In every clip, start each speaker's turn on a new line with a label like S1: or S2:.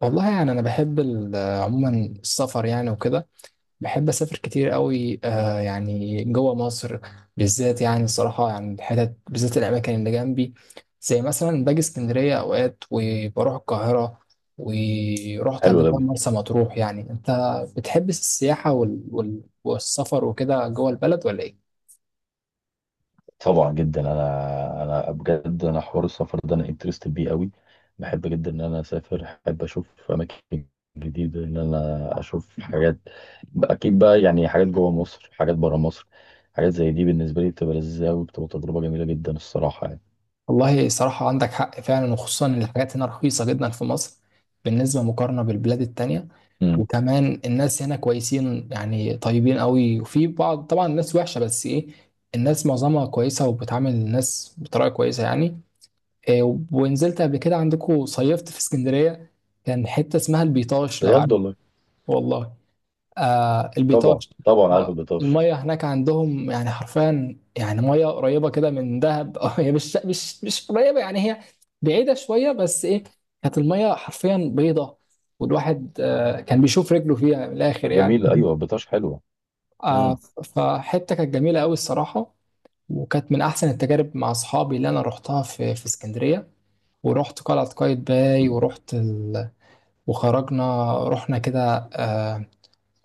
S1: والله يعني انا بحب عموما السفر يعني وكده. بحب اسافر كتير قوي آه يعني جوه مصر بالذات، يعني الصراحه يعني الحتت بالذات الاماكن اللي جنبي، زي مثلا باجي اسكندريه اوقات وبروح القاهره، ورحت
S2: حلو
S1: قبل كده
S2: قوي.
S1: مرسى مطروح. يعني انت بتحب السياحه والسفر وكده جوه البلد ولا ايه؟
S2: طبعا جدا، انا بجد، انا حوار السفر ده انا انترستد بيه قوي. بحب جدا ان انا اسافر، احب اشوف اماكن جديده، ان انا اشوف حاجات اكيد بقى، يعني حاجات جوه مصر، حاجات بره مصر، حاجات زي دي بالنسبه لي بتبقى لذيذه قوي، بتبقى تجربه جميله جدا الصراحه يعني.
S1: والله صراحة عندك حق فعلا، وخصوصا إن الحاجات هنا رخيصة جدا في مصر بالنسبة مقارنة بالبلاد التانية.
S2: امم.
S1: وكمان الناس هنا كويسين يعني طيبين قوي، وفي بعض طبعا الناس وحشة، بس ايه، الناس معظمها كويسة وبتعامل الناس بطريقة كويسة يعني. إيه، ونزلت قبل كده عندكم صيفت في اسكندرية، كان حتة اسمها البيطاش لو
S2: بجد
S1: عارف.
S2: والله.
S1: والله، آه
S2: طبعا
S1: البيطاش.
S2: طبعا، عارف
S1: آه،
S2: البطاش.
S1: المية هناك عندهم يعني حرفيا يعني مية قريبة كده من دهب أو هي مش قريبة يعني، هي بعيدة شوية بس إيه، كانت المية حرفيا بيضة، والواحد آه كان بيشوف رجله فيها من الآخر يعني
S2: جميله، ايوه البطاش حلوه.
S1: آه،
S2: امم.
S1: فحتة كانت جميلة أوي الصراحة، وكانت من أحسن التجارب مع أصحابي اللي أنا روحتها في اسكندرية. ورحت قلعة قايتباي، ورحت وخرجنا رحنا كده آه،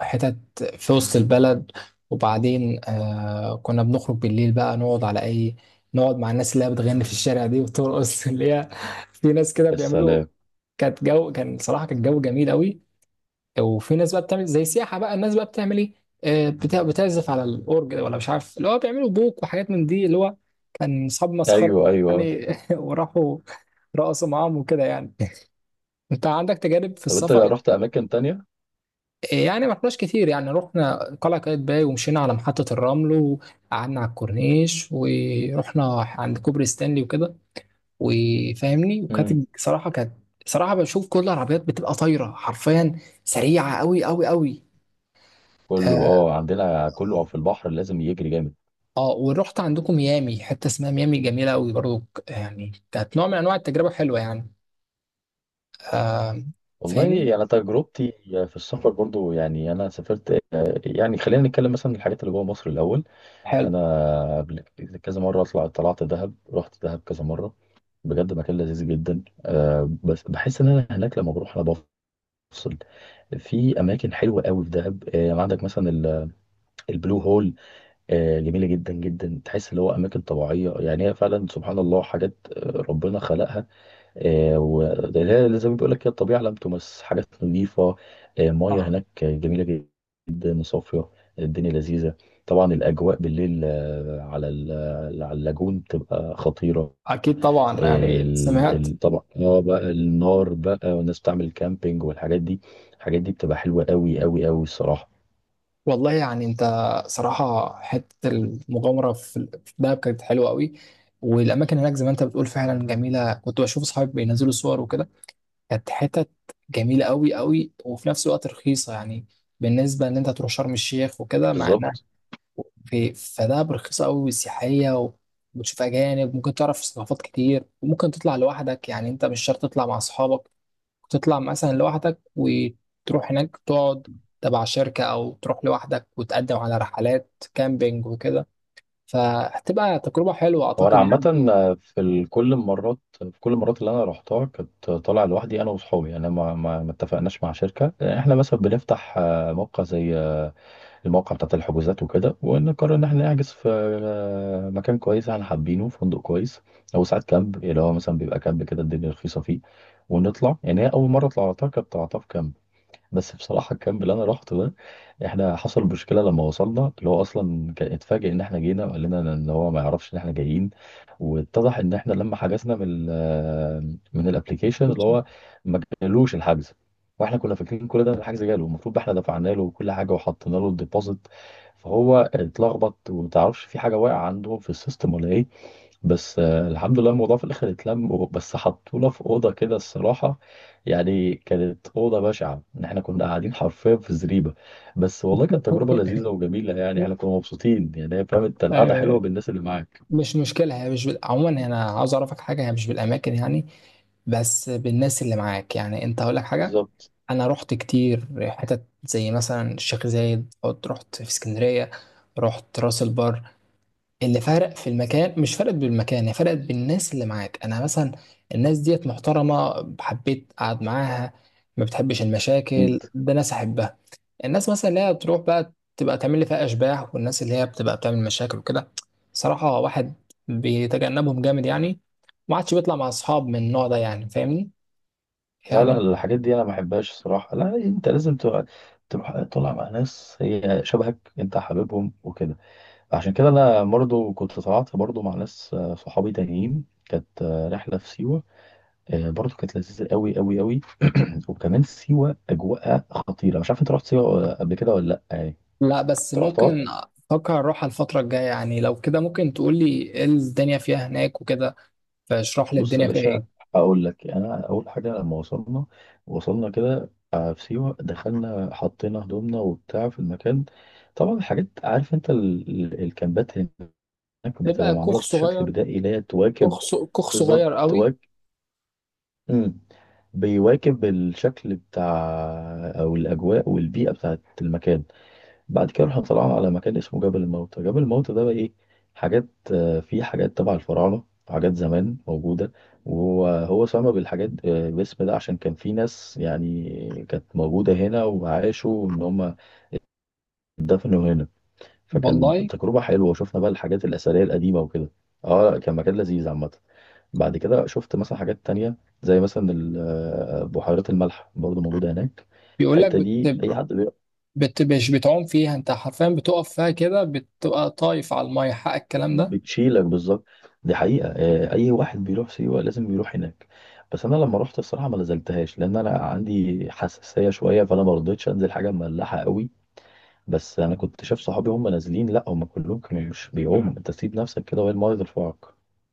S1: حتت في وسط البلد. وبعدين آه كنا بنخرج بالليل بقى نقعد على اي، نقعد مع الناس اللي هي بتغني في الشارع دي وترقص اللي هي في ناس كده بيعملوا.
S2: السلام.
S1: كانت جو، كان صراحة كان جو جميل قوي. وفي ناس بقى بتعمل زي سياحة بقى، الناس بقى بتعمل ايه، آه، بتعزف على الأورج ده، ولا مش عارف اللي هو بيعملوا بوك وحاجات من دي، اللي هو كان أصحاب مسخرة
S2: ايوه ايوه.
S1: يعني وراحوا رقصوا معاهم وكده يعني انت عندك تجارب في
S2: طب انت
S1: السفر؟
S2: رحت اماكن تانية؟
S1: يعني ما رحناش كتير، يعني رحنا قلعة قايتباي ومشينا على محطة الرمل، وقعدنا على الكورنيش، ورحنا عند كوبري ستانلي وكده، وفاهمني.
S2: امم.
S1: وكانت صراحة كانت صراحة بشوف كل العربيات بتبقى طايرة حرفيا سريعة قوي قوي قوي.
S2: كله
S1: اه.
S2: اه، عندنا كله في البحر لازم يجري جامد.
S1: آه، ورحت عندكم ميامي، حتة اسمها ميامي جميلة قوي برضو. يعني كانت نوع من انواع التجربة حلوة يعني. آه، فاهمني.
S2: والله انا تجربتي في السفر برضو، يعني انا سافرت، يعني خلينا نتكلم مثلا الحاجات اللي جوه مصر الاول.
S1: حلو.
S2: انا قبل كذا مره اطلع، طلعت دهب، رحت دهب كذا مره، بجد مكان لذيذ جدا أه. بس بحس ان انا هناك لما بروح انا بفصل. في اماكن حلوه قوي في دهب يعني عندك مثلا البلو هول. أه جميله جدا جدا، تحس اللي هو اماكن طبيعيه يعني، هي فعلا سبحان الله حاجات ربنا خلقها. وده زي ما بيقول لك كده، الطبيعه لم تمس، حاجات نظيفه، ميه
S1: آه،
S2: هناك جميله جدا وصافيه، الدنيا لذيذه. طبعا الاجواء بالليل، على على اللاجون بتبقى خطيره.
S1: اكيد طبعا يعني سمعت.
S2: طبعا اه بقى النار بقى، والناس بتعمل كامبينج والحاجات دي، الحاجات دي بتبقى حلوه قوي قوي قوي الصراحه.
S1: والله يعني انت، صراحة حتة المغامرة في دهب كانت حلوة قوي. والأماكن هناك زي ما أنت بتقول فعلا جميلة، كنت بشوف أصحابي بينزلوا صور وكده. كانت حتت جميلة قوي قوي، وفي نفس الوقت رخيصة يعني، بالنسبة إن أنت تروح شرم الشيخ وكده، مع إنها
S2: بالظبط.
S1: في، فدهب رخيصة قوي وسياحية. وبتشوف أجانب، ممكن تعرف ثقافات كتير، وممكن تطلع لوحدك يعني، أنت مش شرط تطلع مع أصحابك، تطلع مثلا لوحدك وتروح هناك تقعد تبع شركة، أو تروح لوحدك وتقدم على رحلات كامبينج وكده. فهتبقى تجربة حلوة
S2: هو انا
S1: أعتقد
S2: عامه
S1: يعني
S2: في كل المرات اللي انا رحتها كنت طالع لوحدي، انا واصحابي، يعني ما اتفقناش مع شركه. احنا مثلا بنفتح موقع زي، الموقع بتاع الحجوزات وكده، ونقرر ان احنا نحجز في مكان كويس احنا حابينه، فندق كويس او ساعات كامب، اللي هو مثلا بيبقى كامب كده الدنيا رخيصه فيه، ونطلع. يعني هي اول مره طلعتها، طلعتها في كامب. بس بصراحة الكامب اللي أنا روحته ده، إحنا حصل مشكلة لما وصلنا، اللي هو أصلا كان اتفاجئ إن إحنا جينا، وقال لنا إن هو ما يعرفش إن إحنا جايين. واتضح إن إحنا لما حجزنا من ال آه، من الأبليكيشن اللي هو، ما جالوش الحجز. وإحنا كنا فاكرين كل ده إن الحجز جاله، المفروض إحنا دفعنا له كل حاجة وحطينا له الديبوزيت. فهو اتلخبط وما تعرفش في حاجة واقعة عنده في السيستم ولا إيه. بس الحمد لله الموضوع في الاخر اتلم، بس حطونا في اوضه كده الصراحه، يعني كانت اوضه بشعه ان احنا كنا قاعدين حرفيا في زريبه. بس والله كانت تجربه لذيذه وجميله، يعني احنا كنا مبسوطين، يعني هي فاهم انت، القعده حلوه
S1: آه،
S2: بالناس اللي معاك.
S1: مش مشكلة، هي مش عموما أنا عاوز أعرفك حاجة، هي مش بالأماكن يعني، بس بالناس اللي معاك يعني، أنت هقول لك حاجة.
S2: بالظبط.
S1: أنا رحت كتير حتت زي مثلا الشيخ زايد، رحت في اسكندرية، رحت راس البر، اللي فرق في المكان مش فرقت بالمكان، هي فرقت بالناس اللي معاك. انا مثلا الناس ديت محترمه حبيت اقعد معاها، ما بتحبش المشاكل،
S2: اكيد.
S1: ده ناس احبها. الناس مثلا اللي هي بتروح بقى تبقى تعمل لي فيها اشباح، والناس اللي هي بتبقى بتعمل مشاكل وكده، صراحه واحد بيتجنبهم جامد يعني، ما عادش بيطلع مع اصحاب من النوع ده، يعني فاهمني
S2: لا لا،
S1: يعني.
S2: الحاجات دي انا ما بحبهاش الصراحه، لا انت لازم تبقى تروح طالع مع ناس هي شبهك انت حاببهم وكده. عشان كده انا برضه كنت طلعت برضه مع ناس صحابي تانيين، كانت رحله في سيوه، برضه كانت لذيذه قوي قوي قوي. وكمان سيوه اجواءها خطيره. مش عارف انت رحت سيوه قبل كده ولا لا؟ يعني
S1: لا بس
S2: انت رحتها؟
S1: ممكن افكر اروح على الفتره الجايه يعني، لو كده ممكن تقول لي ايه الدنيا فيها هناك وكده، فاشرح لي
S2: بص يا
S1: الدنيا فيها
S2: باشا،
S1: ايه.
S2: اقول لك. انا اول حاجه لما وصلنا، كده في سيوه، دخلنا حطينا هدومنا وبتاع في المكان. طبعا الحاجات، عارف انت الكامبات هناك بتبقى
S1: تبقى
S2: معموله
S1: كوخ
S2: بشكل
S1: صغير،
S2: بدائي، اللي هي تواكب.
S1: كوخ
S2: بالظبط،
S1: صغير قوي.
S2: تواكب. مم. بيواكب الشكل بتاع، او الاجواء والبيئه بتاعت المكان. بعد كده رحنا طلعنا على مكان اسمه جبل الموتى. جبل الموتى ده بقى ايه؟ حاجات آه، فيه حاجات تبع الفراعنة، حاجات زمان موجودة. وهو سمى بالحاجات آه، باسم ده عشان كان في ناس يعني كانت موجودة هنا وعاشوا، ان هم اتدفنوا هنا. فكان
S1: والله
S2: تجربة حلوة، وشفنا بقى الحاجات الأثرية القديمة وكده. اه لا، كان مكان لذيذ عامة. بعد كده شفت مثلا حاجات تانية، زي مثلا بحيرات الملح، برضه موجودة هناك.
S1: بيقول لك
S2: الحتة دي أي حد
S1: مش بتعوم فيها، انت حرفيا بتقف فيها كده بتبقى طايف على الميه، حق الكلام ده؟
S2: بتشيلك، بالظبط. دي حقيقة، أي واحد بيروح سيوة لازم بيروح هناك. بس أنا لما رحت الصراحة ما نزلتهاش، لأن أنا عندي حساسية شوية، فأنا ما رضيتش أنزل حاجة مملحة قوي. بس أنا كنت شايف صحابي هم نازلين، لا هم كلهم كانوا مش بيعوموا، أنت سيب نفسك كده وهي الماية ترفعك.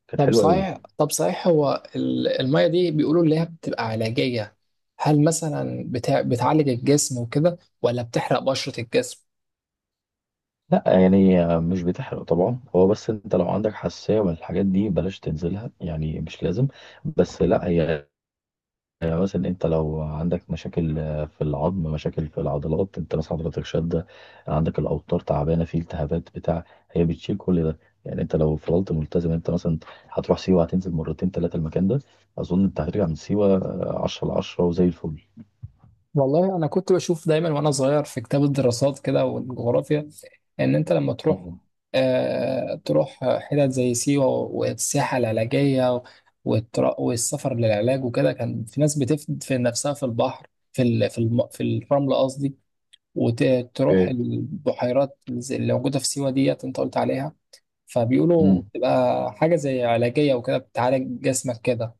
S2: كانت
S1: طب
S2: حلوة قوي.
S1: صحيح طب صحيح، هو الميه دي بيقولوا اللي هي بتبقى علاجيه، هل مثلا بتعالج الجسم وكده، ولا بتحرق بشرة الجسم؟
S2: لا يعني، مش بتحرق طبعا، هو بس أنت لو عندك حساسية من الحاجات دي بلاش تنزلها، يعني مش لازم. بس لا هي، مثلا انت لو عندك مشاكل في العظم، مشاكل في العضلات، انت مثلا حضرتك شده، عندك الاوتار تعبانه، في التهابات بتاع، هي بتشيل كل ده. يعني انت لو فضلت ملتزم، انت مثلا هتروح سيوه هتنزل مرتين ثلاثه المكان ده، اظن انت هترجع من سيوه 10 ل 10 وزي الفل.
S1: والله انا كنت بشوف دايما وانا صغير في كتاب الدراسات كده والجغرافيا، ان انت لما تروح
S2: مم.
S1: آه تروح حتت زي سيوة والسياحة العلاجية، والسفر للعلاج وكده، كان في ناس بتدفن نفسها في البحر، في في الرمل قصدي، وتروح
S2: اوكي.
S1: البحيرات اللي موجودة في سيوة ديت انت قلت عليها، فبيقولوا
S2: مم.
S1: بتبقى حاجة زي علاجية وكده بتعالج جسمك كده.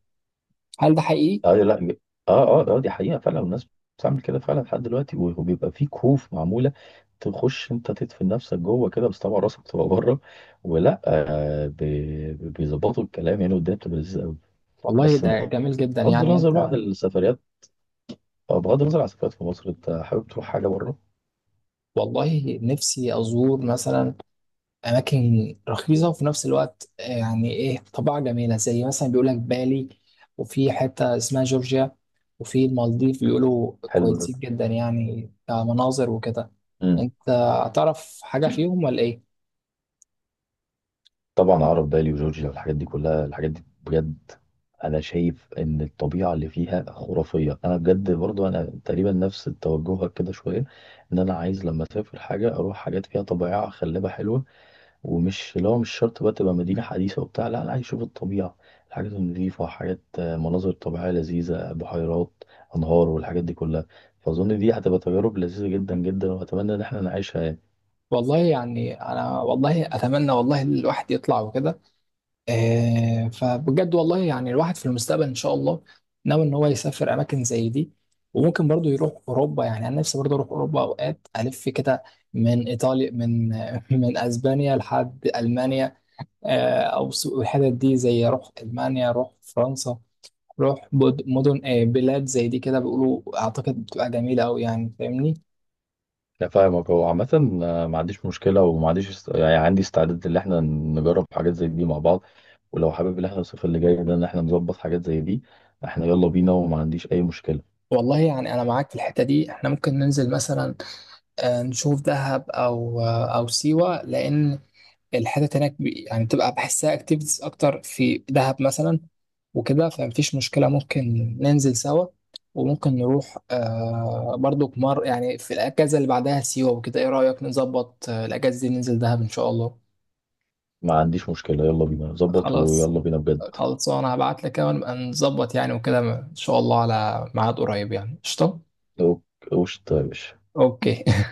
S1: هل ده حقيقي؟
S2: ايوه، لا ب- اه اه اه، دي حقيقة فعلا، الناس بتعمل كده فعلا لحد دلوقتي، وبيبقى في كهوف معمولة، تخش انت تدفن نفسك جوه كده، بس طبعا راسك بتبقى بره ولا، بيظبطوا الكلام يعني، والدنيا بتبقى لذيذة قوي.
S1: والله
S2: بس
S1: ده جميل
S2: بغض
S1: جدا يعني.
S2: النظر بقى عن السفريات آه، بغض النظر عن السفريات في مصر، انت حابب تروح حاجة بره؟
S1: والله نفسي أزور مثلا أماكن رخيصة، وفي نفس الوقت آه، يعني إيه طبيعة جميلة زي مثلا بيقول لك بالي، وفي حتة اسمها جورجيا، وفي المالديف بيقولوا
S2: حلو
S1: كويسين جدا يعني كمناظر وكده.
S2: ده.
S1: أنت هتعرف حاجة فيهم ولا إيه؟
S2: طبعا اعرف بالي وجورجيا والحاجات دي كلها، الحاجات دي بجد انا شايف ان الطبيعه اللي فيها خرافيه. انا بجد برضو انا تقريبا نفس توجهك كده شويه، ان انا عايز لما اسافر حاجه اروح حاجات فيها طبيعه خلابه حلوه. لو مش شرط بقى تبقى مدينه حديثه وبتاع، لا انا عايز اشوف الطبيعه، الحاجات النظيفه، حاجات مناظر طبيعيه لذيذه، بحيرات، انهار، والحاجات دي كلها. فاظن دي هتبقى تجارب لذيذه جدا جدا، واتمنى ان احنا نعيشها يعني.
S1: والله يعني أنا والله أتمنى، والله الواحد يطلع وكده آه، فبجد والله يعني الواحد في المستقبل ان شاء الله ناوي ان هو يسافر اماكن زي دي. وممكن برضو يروح اوروبا، يعني انا نفسي برضو اروح اوروبا اوقات الف كده من ايطاليا، من من اسبانيا لحد المانيا. آه، الحتت دي زي روح المانيا روح فرنسا مدن آه، بلاد زي دي كده بيقولوا اعتقد بتبقى جميله قوي يعني فاهمني.
S2: لا فاهمك. هو عامة ما عنديش مشكلة، وما عنديش يعني عندي استعداد ان احنا نجرب حاجات زي دي مع بعض. ولو حابب ان احنا الصيف اللي جاي ده ان احنا نظبط حاجات زي دي، احنا يلا بينا، وما عنديش اي مشكلة.
S1: والله يعني انا معاك في الحته دي، احنا ممكن ننزل مثلا آه، نشوف دهب او آه، او سيوه، لان الحتت هناك يعني بتبقى بحسها اكتيفيتيز اكتر في دهب مثلا وكده، فمفيش مشكله ممكن ننزل سوا. وممكن نروح آه برضو مر يعني في الاجازه اللي بعدها سيوه وكده. ايه رايك نظبط آه، الاجازه دي ننزل دهب ان شاء الله؟
S2: ما عنديش مشكلة، يلا بينا نظبط
S1: خلاص
S2: ويلا بينا بجد.
S1: خلاص، انا هبعت لك ونبقى نظبط يعني وكده ان شاء الله على ميعاد قريب يعني. قشطه.
S2: لو، وش طيب.
S1: اوكي.